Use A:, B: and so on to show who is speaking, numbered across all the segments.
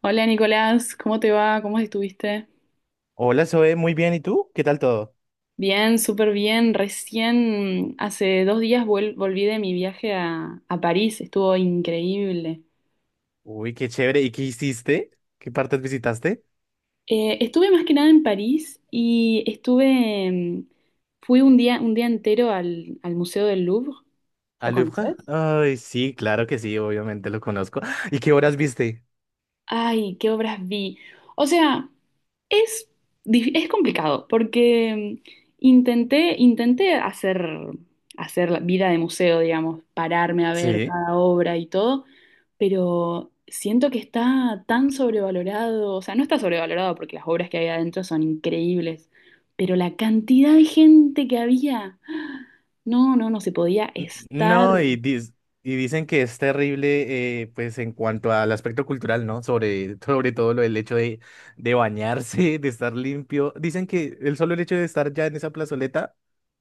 A: Hola Nicolás, ¿cómo te va? ¿Cómo estuviste?
B: Hola, Zoe, muy bien. ¿Y tú? ¿Qué tal todo?
A: Bien, súper bien. Recién hace dos días volví de mi viaje a París, estuvo increíble.
B: Uy, qué chévere. ¿Y qué hiciste? ¿Qué partes visitaste?
A: Estuve más que nada en París y estuve, fui un día entero al, al Museo del Louvre. ¿Lo
B: ¿Al Louvre?
A: conoces?
B: Ay, sí, claro que sí, obviamente lo conozco. ¿Y qué horas viste?
A: Ay, qué obras vi. O sea, Es, es complicado porque, intenté hacer la vida de museo, digamos, pararme a ver
B: Sí.
A: cada obra y todo, pero siento que está tan sobrevalorado, o sea, no está sobrevalorado porque las obras que hay adentro son increíbles, pero la cantidad de gente que había, ¡ah! No, no, no se podía estar.
B: No, y, y dicen que es terrible, pues en cuanto al aspecto cultural, ¿no? Sobre, sobre todo lo del hecho de bañarse, de estar limpio. Dicen que el solo hecho de estar ya en esa plazoleta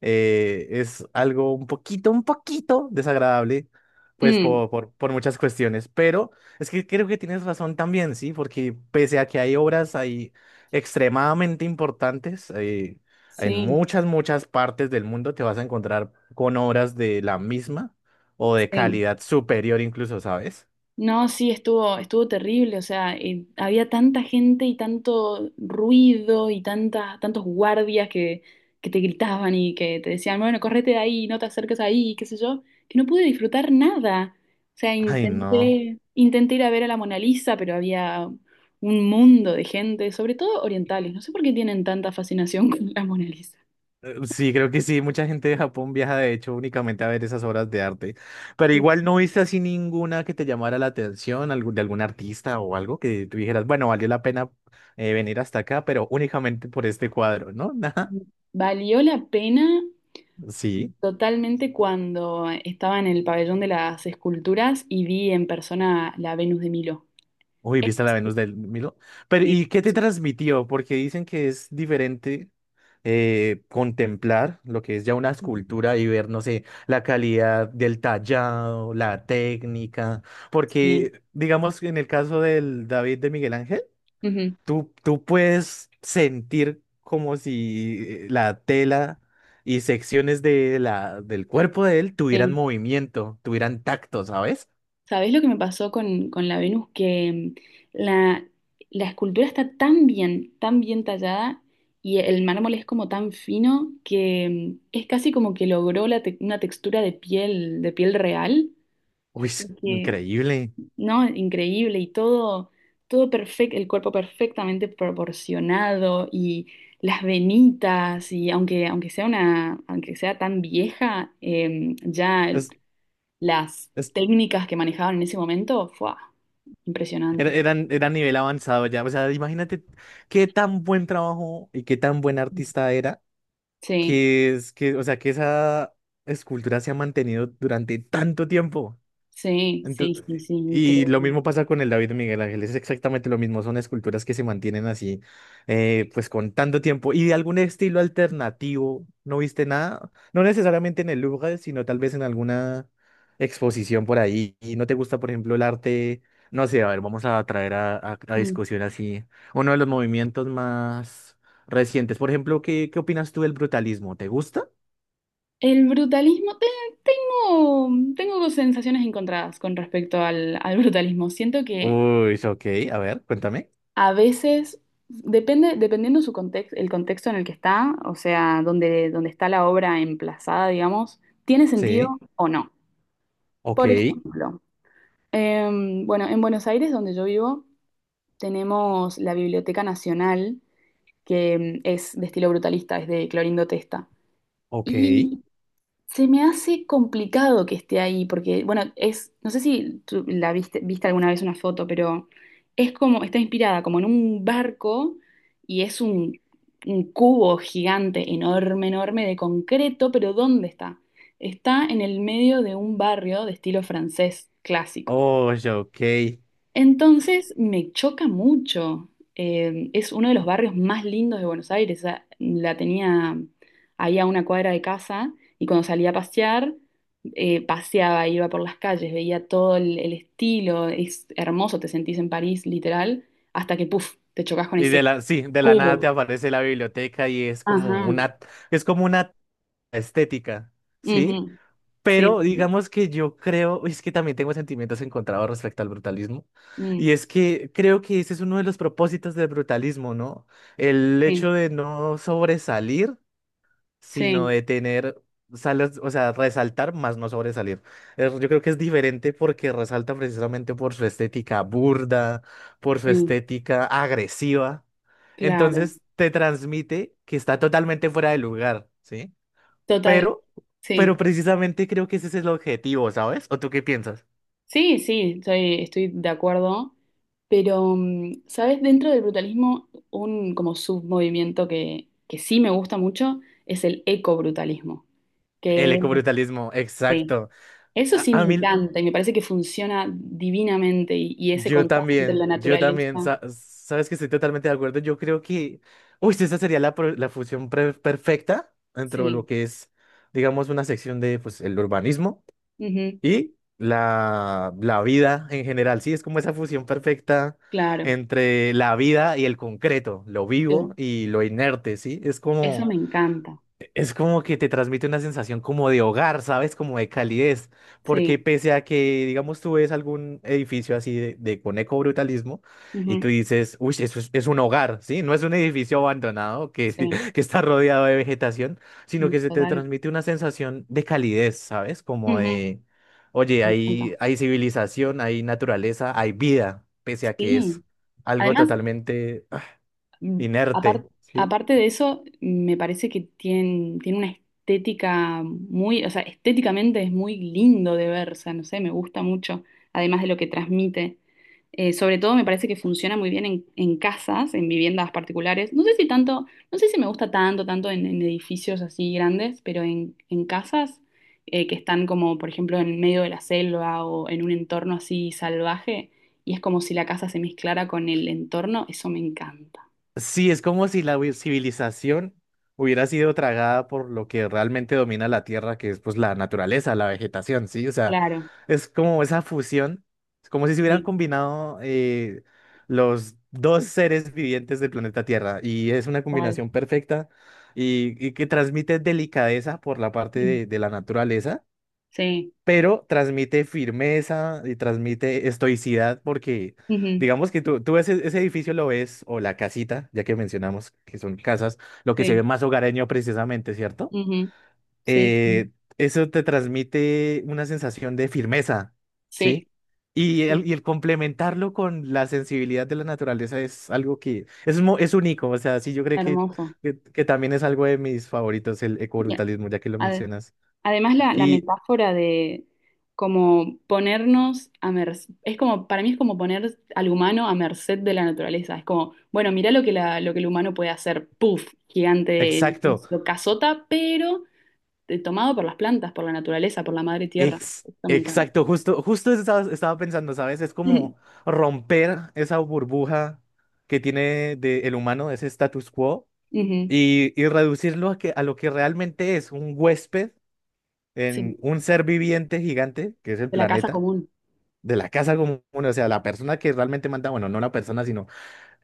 B: es algo un poquito desagradable, pues
A: Mm,
B: por muchas cuestiones, pero es que creo que tienes razón también, ¿sí? Porque pese a que hay obras ahí extremadamente importantes, en
A: sí,
B: muchas, muchas partes del mundo te vas a encontrar con obras de la misma o de
A: sí.
B: calidad superior incluso, ¿sabes?
A: No, sí, estuvo terrible, o sea, había tanta gente y tanto ruido y tantos guardias que te gritaban y que te decían, bueno, correte de ahí, no te acerques ahí, qué sé yo, que no pude disfrutar nada. O sea,
B: Ay, no.
A: intenté ir a ver a la Mona Lisa, pero había un mundo de gente, sobre todo orientales. No sé por qué tienen tanta fascinación con la Mona Lisa.
B: Sí, creo que sí. Mucha gente de Japón viaja, de hecho, únicamente a ver esas obras de arte. Pero
A: Sí.
B: igual no viste así ninguna que te llamara la atención, de algún artista o algo que tú dijeras, bueno, valió la pena venir hasta acá, pero únicamente por este cuadro, ¿no? Nada.
A: Valió la pena
B: Sí.
A: totalmente cuando estaba en el pabellón de las esculturas y vi en persona la Venus de Milo.
B: Uy, ¿viste
A: Eso
B: la
A: sí.
B: Venus del Milo? Pero,
A: Sí.
B: ¿y qué te transmitió? Porque dicen que es diferente contemplar lo que es ya una escultura y ver, no sé, la calidad del tallado, la técnica.
A: Sí.
B: Porque, digamos, en el caso del David de Miguel Ángel,
A: Ujú,
B: tú puedes sentir como si la tela y secciones de del cuerpo de él tuvieran
A: sí.
B: movimiento, tuvieran tacto, ¿sabes?
A: ¿Sabés lo que me pasó con la Venus? Que, la, la escultura está tan bien tallada y el mármol es como tan fino que, es casi como que logró una textura de piel real.
B: Uy, es
A: Porque
B: increíble.
A: no, increíble y todo, todo perfecto, el cuerpo perfectamente proporcionado y las venitas y aunque sea una, aunque sea tan vieja,
B: Es-
A: las
B: es
A: técnicas que manejaban en ese momento, fue impresionante.
B: Era nivel avanzado ya. O sea, imagínate qué tan buen trabajo y qué tan buen artista era
A: Sí,
B: o sea, que esa escultura se ha mantenido durante tanto tiempo. Ento-
A: sí,
B: y lo
A: increíble.
B: mismo pasa con el David de Miguel Ángel, es exactamente lo mismo, son esculturas que se mantienen así, pues con tanto tiempo. ¿Y de algún estilo alternativo no viste nada? No necesariamente en el Louvre, sino tal vez en alguna exposición por ahí. ¿Y no te gusta, por ejemplo, el arte? No sé, a ver, vamos a traer a
A: Mm.
B: discusión así uno de los movimientos más recientes. Por ejemplo, ¿ qué opinas tú del brutalismo? ¿Te gusta?
A: El brutalismo, tengo, tengo sensaciones encontradas con respecto al, al brutalismo. Siento que
B: Uy, ok, a ver, cuéntame.
A: a veces, dependiendo su contexto, el contexto en el que está, o sea, donde, donde está la obra emplazada, digamos, ¿tiene
B: Sí,
A: sentido o no?
B: ok,
A: Por ejemplo, bueno, en Buenos Aires, donde yo vivo, tenemos la Biblioteca Nacional, que es de estilo brutalista, es de Clorindo Testa.
B: ok.
A: Y se me hace complicado que esté ahí, porque, bueno, es, no sé si tú la viste, viste alguna vez una foto, pero es como, está inspirada como en un barco y es un cubo gigante, enorme, de concreto, pero ¿dónde está? Está en el medio de un barrio de estilo francés clásico.
B: Oh, ya, ok.
A: Entonces me choca mucho. Es uno de los barrios más lindos de Buenos Aires. O sea, la tenía ahí a una cuadra de casa y cuando salía a pasear, paseaba, iba por las calles, veía todo el estilo. Es hermoso, te sentís en París, literal, hasta que, puf, te chocas con
B: Y de
A: ese
B: la, sí, de la nada te
A: cubo.
B: aparece la biblioteca y
A: Ajá.
B: es como una estética, ¿sí?
A: Ujú. Sí,
B: Pero digamos que yo creo, es que también tengo sentimientos encontrados respecto al brutalismo, y
A: mm,
B: es que creo que ese es uno de los propósitos del brutalismo, ¿no? El
A: sí,
B: hecho de no sobresalir sino
A: sí,
B: de tener, o sea, resaltar más no sobresalir. Yo creo que es diferente porque resalta precisamente por su estética burda, por su
A: sí,
B: estética agresiva.
A: claro.
B: Entonces te transmite que está totalmente fuera de lugar, ¿sí?
A: Total,
B: Pero, pero
A: sí,
B: precisamente creo que ese es el objetivo, ¿sabes? ¿O tú qué piensas?
A: sí, estoy de acuerdo. Pero, mm, ¿sabes? Dentro del brutalismo, un como submovimiento que sí me gusta mucho es el ecobrutalismo,
B: El
A: que es-
B: ecobrutalismo,
A: sí,
B: exacto.
A: eso
B: A,
A: sí me
B: a mí,
A: encanta y me parece que funciona divinamente y ese contraste entre la
B: Yo también,
A: naturaleza,
B: sabes que estoy totalmente de acuerdo. Yo creo que, uy, esa sería la, la fusión perfecta dentro de lo
A: sí,
B: que es, digamos, una sección de, pues, el urbanismo
A: ujú,
B: y la vida en general. Sí, es como esa fusión perfecta
A: claro,
B: entre la vida y el concreto, lo
A: sí,
B: vivo y lo inerte, ¿sí? Es
A: eso
B: como…
A: me encanta,
B: Es como que te transmite una sensación como de hogar, ¿sabes? Como de calidez, porque
A: sí,
B: pese a que, digamos, tú ves algún edificio así de con ecobrutalismo y
A: ujú,
B: tú dices, uy, eso es un hogar, ¿sí? No es un edificio abandonado que,
A: sí,
B: que está rodeado de vegetación, sino
A: mm,
B: que se te
A: total,
B: transmite una sensación de calidez, ¿sabes? Como
A: ujú,
B: de, oye,
A: me encanta,
B: hay civilización, hay naturaleza, hay vida, pese a que es
A: sí.
B: algo
A: Además,
B: totalmente
A: mm, apar-
B: inerte, ¿sí?
A: aparte de eso, me parece que tiene una estética muy, o sea, estéticamente es muy lindo de ver, o sea, no sé, me gusta mucho, además de lo que transmite. Sobre todo me parece que funciona muy bien en casas, en viviendas particulares. No sé si tanto, no sé si me gusta tanto, tanto en edificios así grandes, pero en casas que están como, por ejemplo, en medio de la selva o en un entorno así salvaje, y es como si la casa se mezclara con el entorno, eso me encanta.
B: Sí, es como si la civilización hubiera sido tragada por lo que realmente domina la Tierra, que es pues la naturaleza, la vegetación, ¿sí? O sea,
A: Claro,
B: es como esa fusión, es como si se hubieran
A: sí,
B: combinado los dos seres vivientes del planeta Tierra y es una
A: tal.
B: combinación perfecta y que transmite delicadeza por la parte
A: Sí,
B: de la naturaleza
A: sí,
B: pero transmite firmeza y transmite estoicidad porque
A: ujú,
B: digamos que tú ves ese edificio lo ves, o la casita, ya que mencionamos que son casas, lo que se ve
A: sí,
B: más hogareño precisamente, ¿cierto?
A: ujú, sí, sí,
B: Eh, eso te transmite una sensación de firmeza,
A: sí,
B: ¿sí?
A: sí,
B: Y el complementarlo con la sensibilidad de la naturaleza es algo que es, es único, o sea, sí, yo creo que,
A: hermoso.
B: que también es algo de mis favoritos, el
A: Ya,
B: ecobrutalismo, ya que lo
A: ade-
B: mencionas.
A: además, la
B: Y
A: metáfora de como ponernos a merced, es como, para mí es como poner al humano a merced de la naturaleza. Es como, bueno, mirá lo lo que el humano puede hacer, puff, gigante,
B: exacto.
A: edificio, casota, pero tomado por las plantas, por la naturaleza, por la madre tierra. Esto me encanta.
B: Exacto, justo, justo eso estaba, estaba pensando, ¿sabes? Es
A: Ujú,
B: como romper esa burbuja que tiene de el humano, ese status quo, y reducirlo a, que, a lo que realmente es un huésped en
A: sí,
B: un ser viviente gigante, que es el
A: de la casa
B: planeta,
A: común.
B: de la casa común, o sea, la persona que realmente manda, bueno, no la persona, sino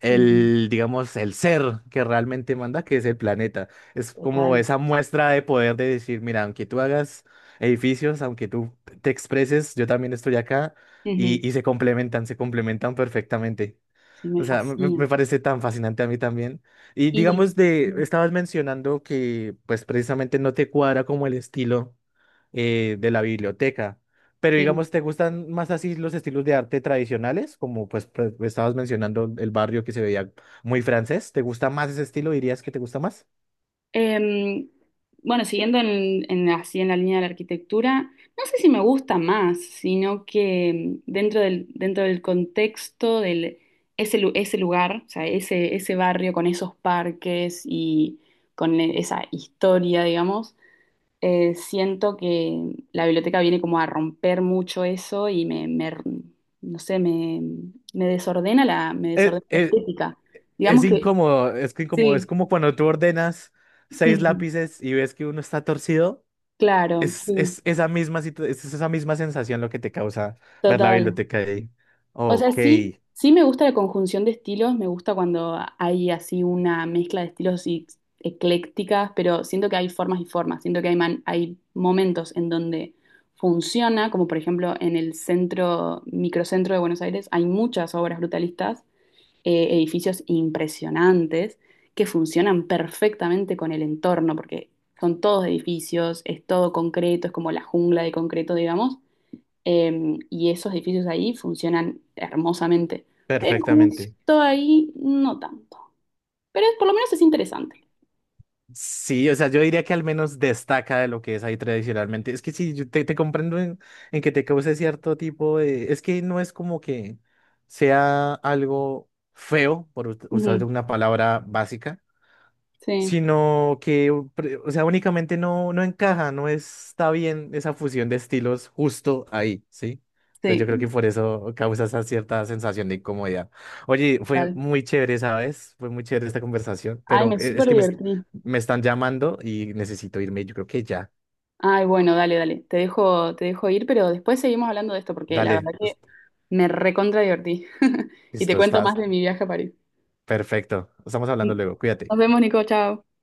B: el, digamos, el ser que realmente manda, que es el planeta. Es como
A: Total.
B: esa muestra de poder de decir, mira, aunque tú hagas edificios, aunque tú te expreses, yo también estoy acá
A: Ujú.
B: y se complementan perfectamente.
A: Sí,
B: O
A: me
B: sea, me
A: fascina.
B: parece tan fascinante a mí también. Y
A: Y
B: digamos de, estabas mencionando que pues precisamente no te cuadra como el estilo de la biblioteca. Pero
A: sí.
B: digamos, ¿te gustan más así los estilos de arte tradicionales? Como pues estabas mencionando el barrio que se veía muy francés. ¿Te gusta más ese estilo? ¿Dirías que te gusta más?
A: Em, bueno, siguiendo en, así en la línea de la arquitectura, no sé si me gusta más, sino que em, dentro del contexto del ese lugar, o sea, ese barrio con esos parques y con esa historia, digamos. Siento que la biblioteca viene como a romper mucho eso y no sé, me
B: Eh,
A: desordena la
B: eh,
A: estética. Digamos
B: es
A: que
B: incómodo, es que incómodo, es
A: sí,
B: como cuando tú ordenas seis
A: ujú,
B: lápices y ves que uno está torcido.
A: claro, sí,
B: Es esa misma es esa misma sensación lo que te causa ver la
A: total.
B: biblioteca ahí.
A: O sea,
B: Ok,
A: sí, sí me gusta la conjunción de estilos, me gusta cuando hay así una mezcla de estilos y- eclécticas, pero siento que hay formas y formas, siento que hay, hay momentos en donde funciona, como por ejemplo en el centro, microcentro de Buenos Aires, hay muchas obras brutalistas, edificios impresionantes que funcionan perfectamente con el entorno, porque son todos edificios, es todo concreto, es como la jungla de concreto, digamos y esos edificios ahí funcionan hermosamente. Pero
B: perfectamente.
A: justo ahí no tanto. Pero por lo menos es interesante.
B: Sí, o sea, yo diría que al menos destaca de lo que es ahí tradicionalmente. Es que sí, yo te, te comprendo en que te cause cierto tipo de… Es que no es como que sea algo feo, por usar
A: Ujú,
B: una palabra básica,
A: sí,
B: sino que, o sea, únicamente no, no encaja, no está bien esa fusión de estilos justo ahí, ¿sí? Entonces yo
A: sí,
B: creo que por eso causa esa cierta sensación de incomodidad. Oye, fue
A: total.
B: muy chévere, ¿sabes? Fue muy chévere esta conversación,
A: Ay,
B: pero
A: me
B: es
A: súper
B: que
A: divertí.
B: me están llamando y necesito irme, yo creo que ya.
A: Ay, bueno, dale, dale. Te dejo ir, pero después seguimos hablando de esto porque la verdad
B: Dale,
A: que me recontra divertí. Y te
B: listo,
A: cuento más
B: estás
A: de mi viaje a París.
B: perfecto. Estamos hablando luego,
A: Nos
B: cuídate.
A: vemos, Nico, chao.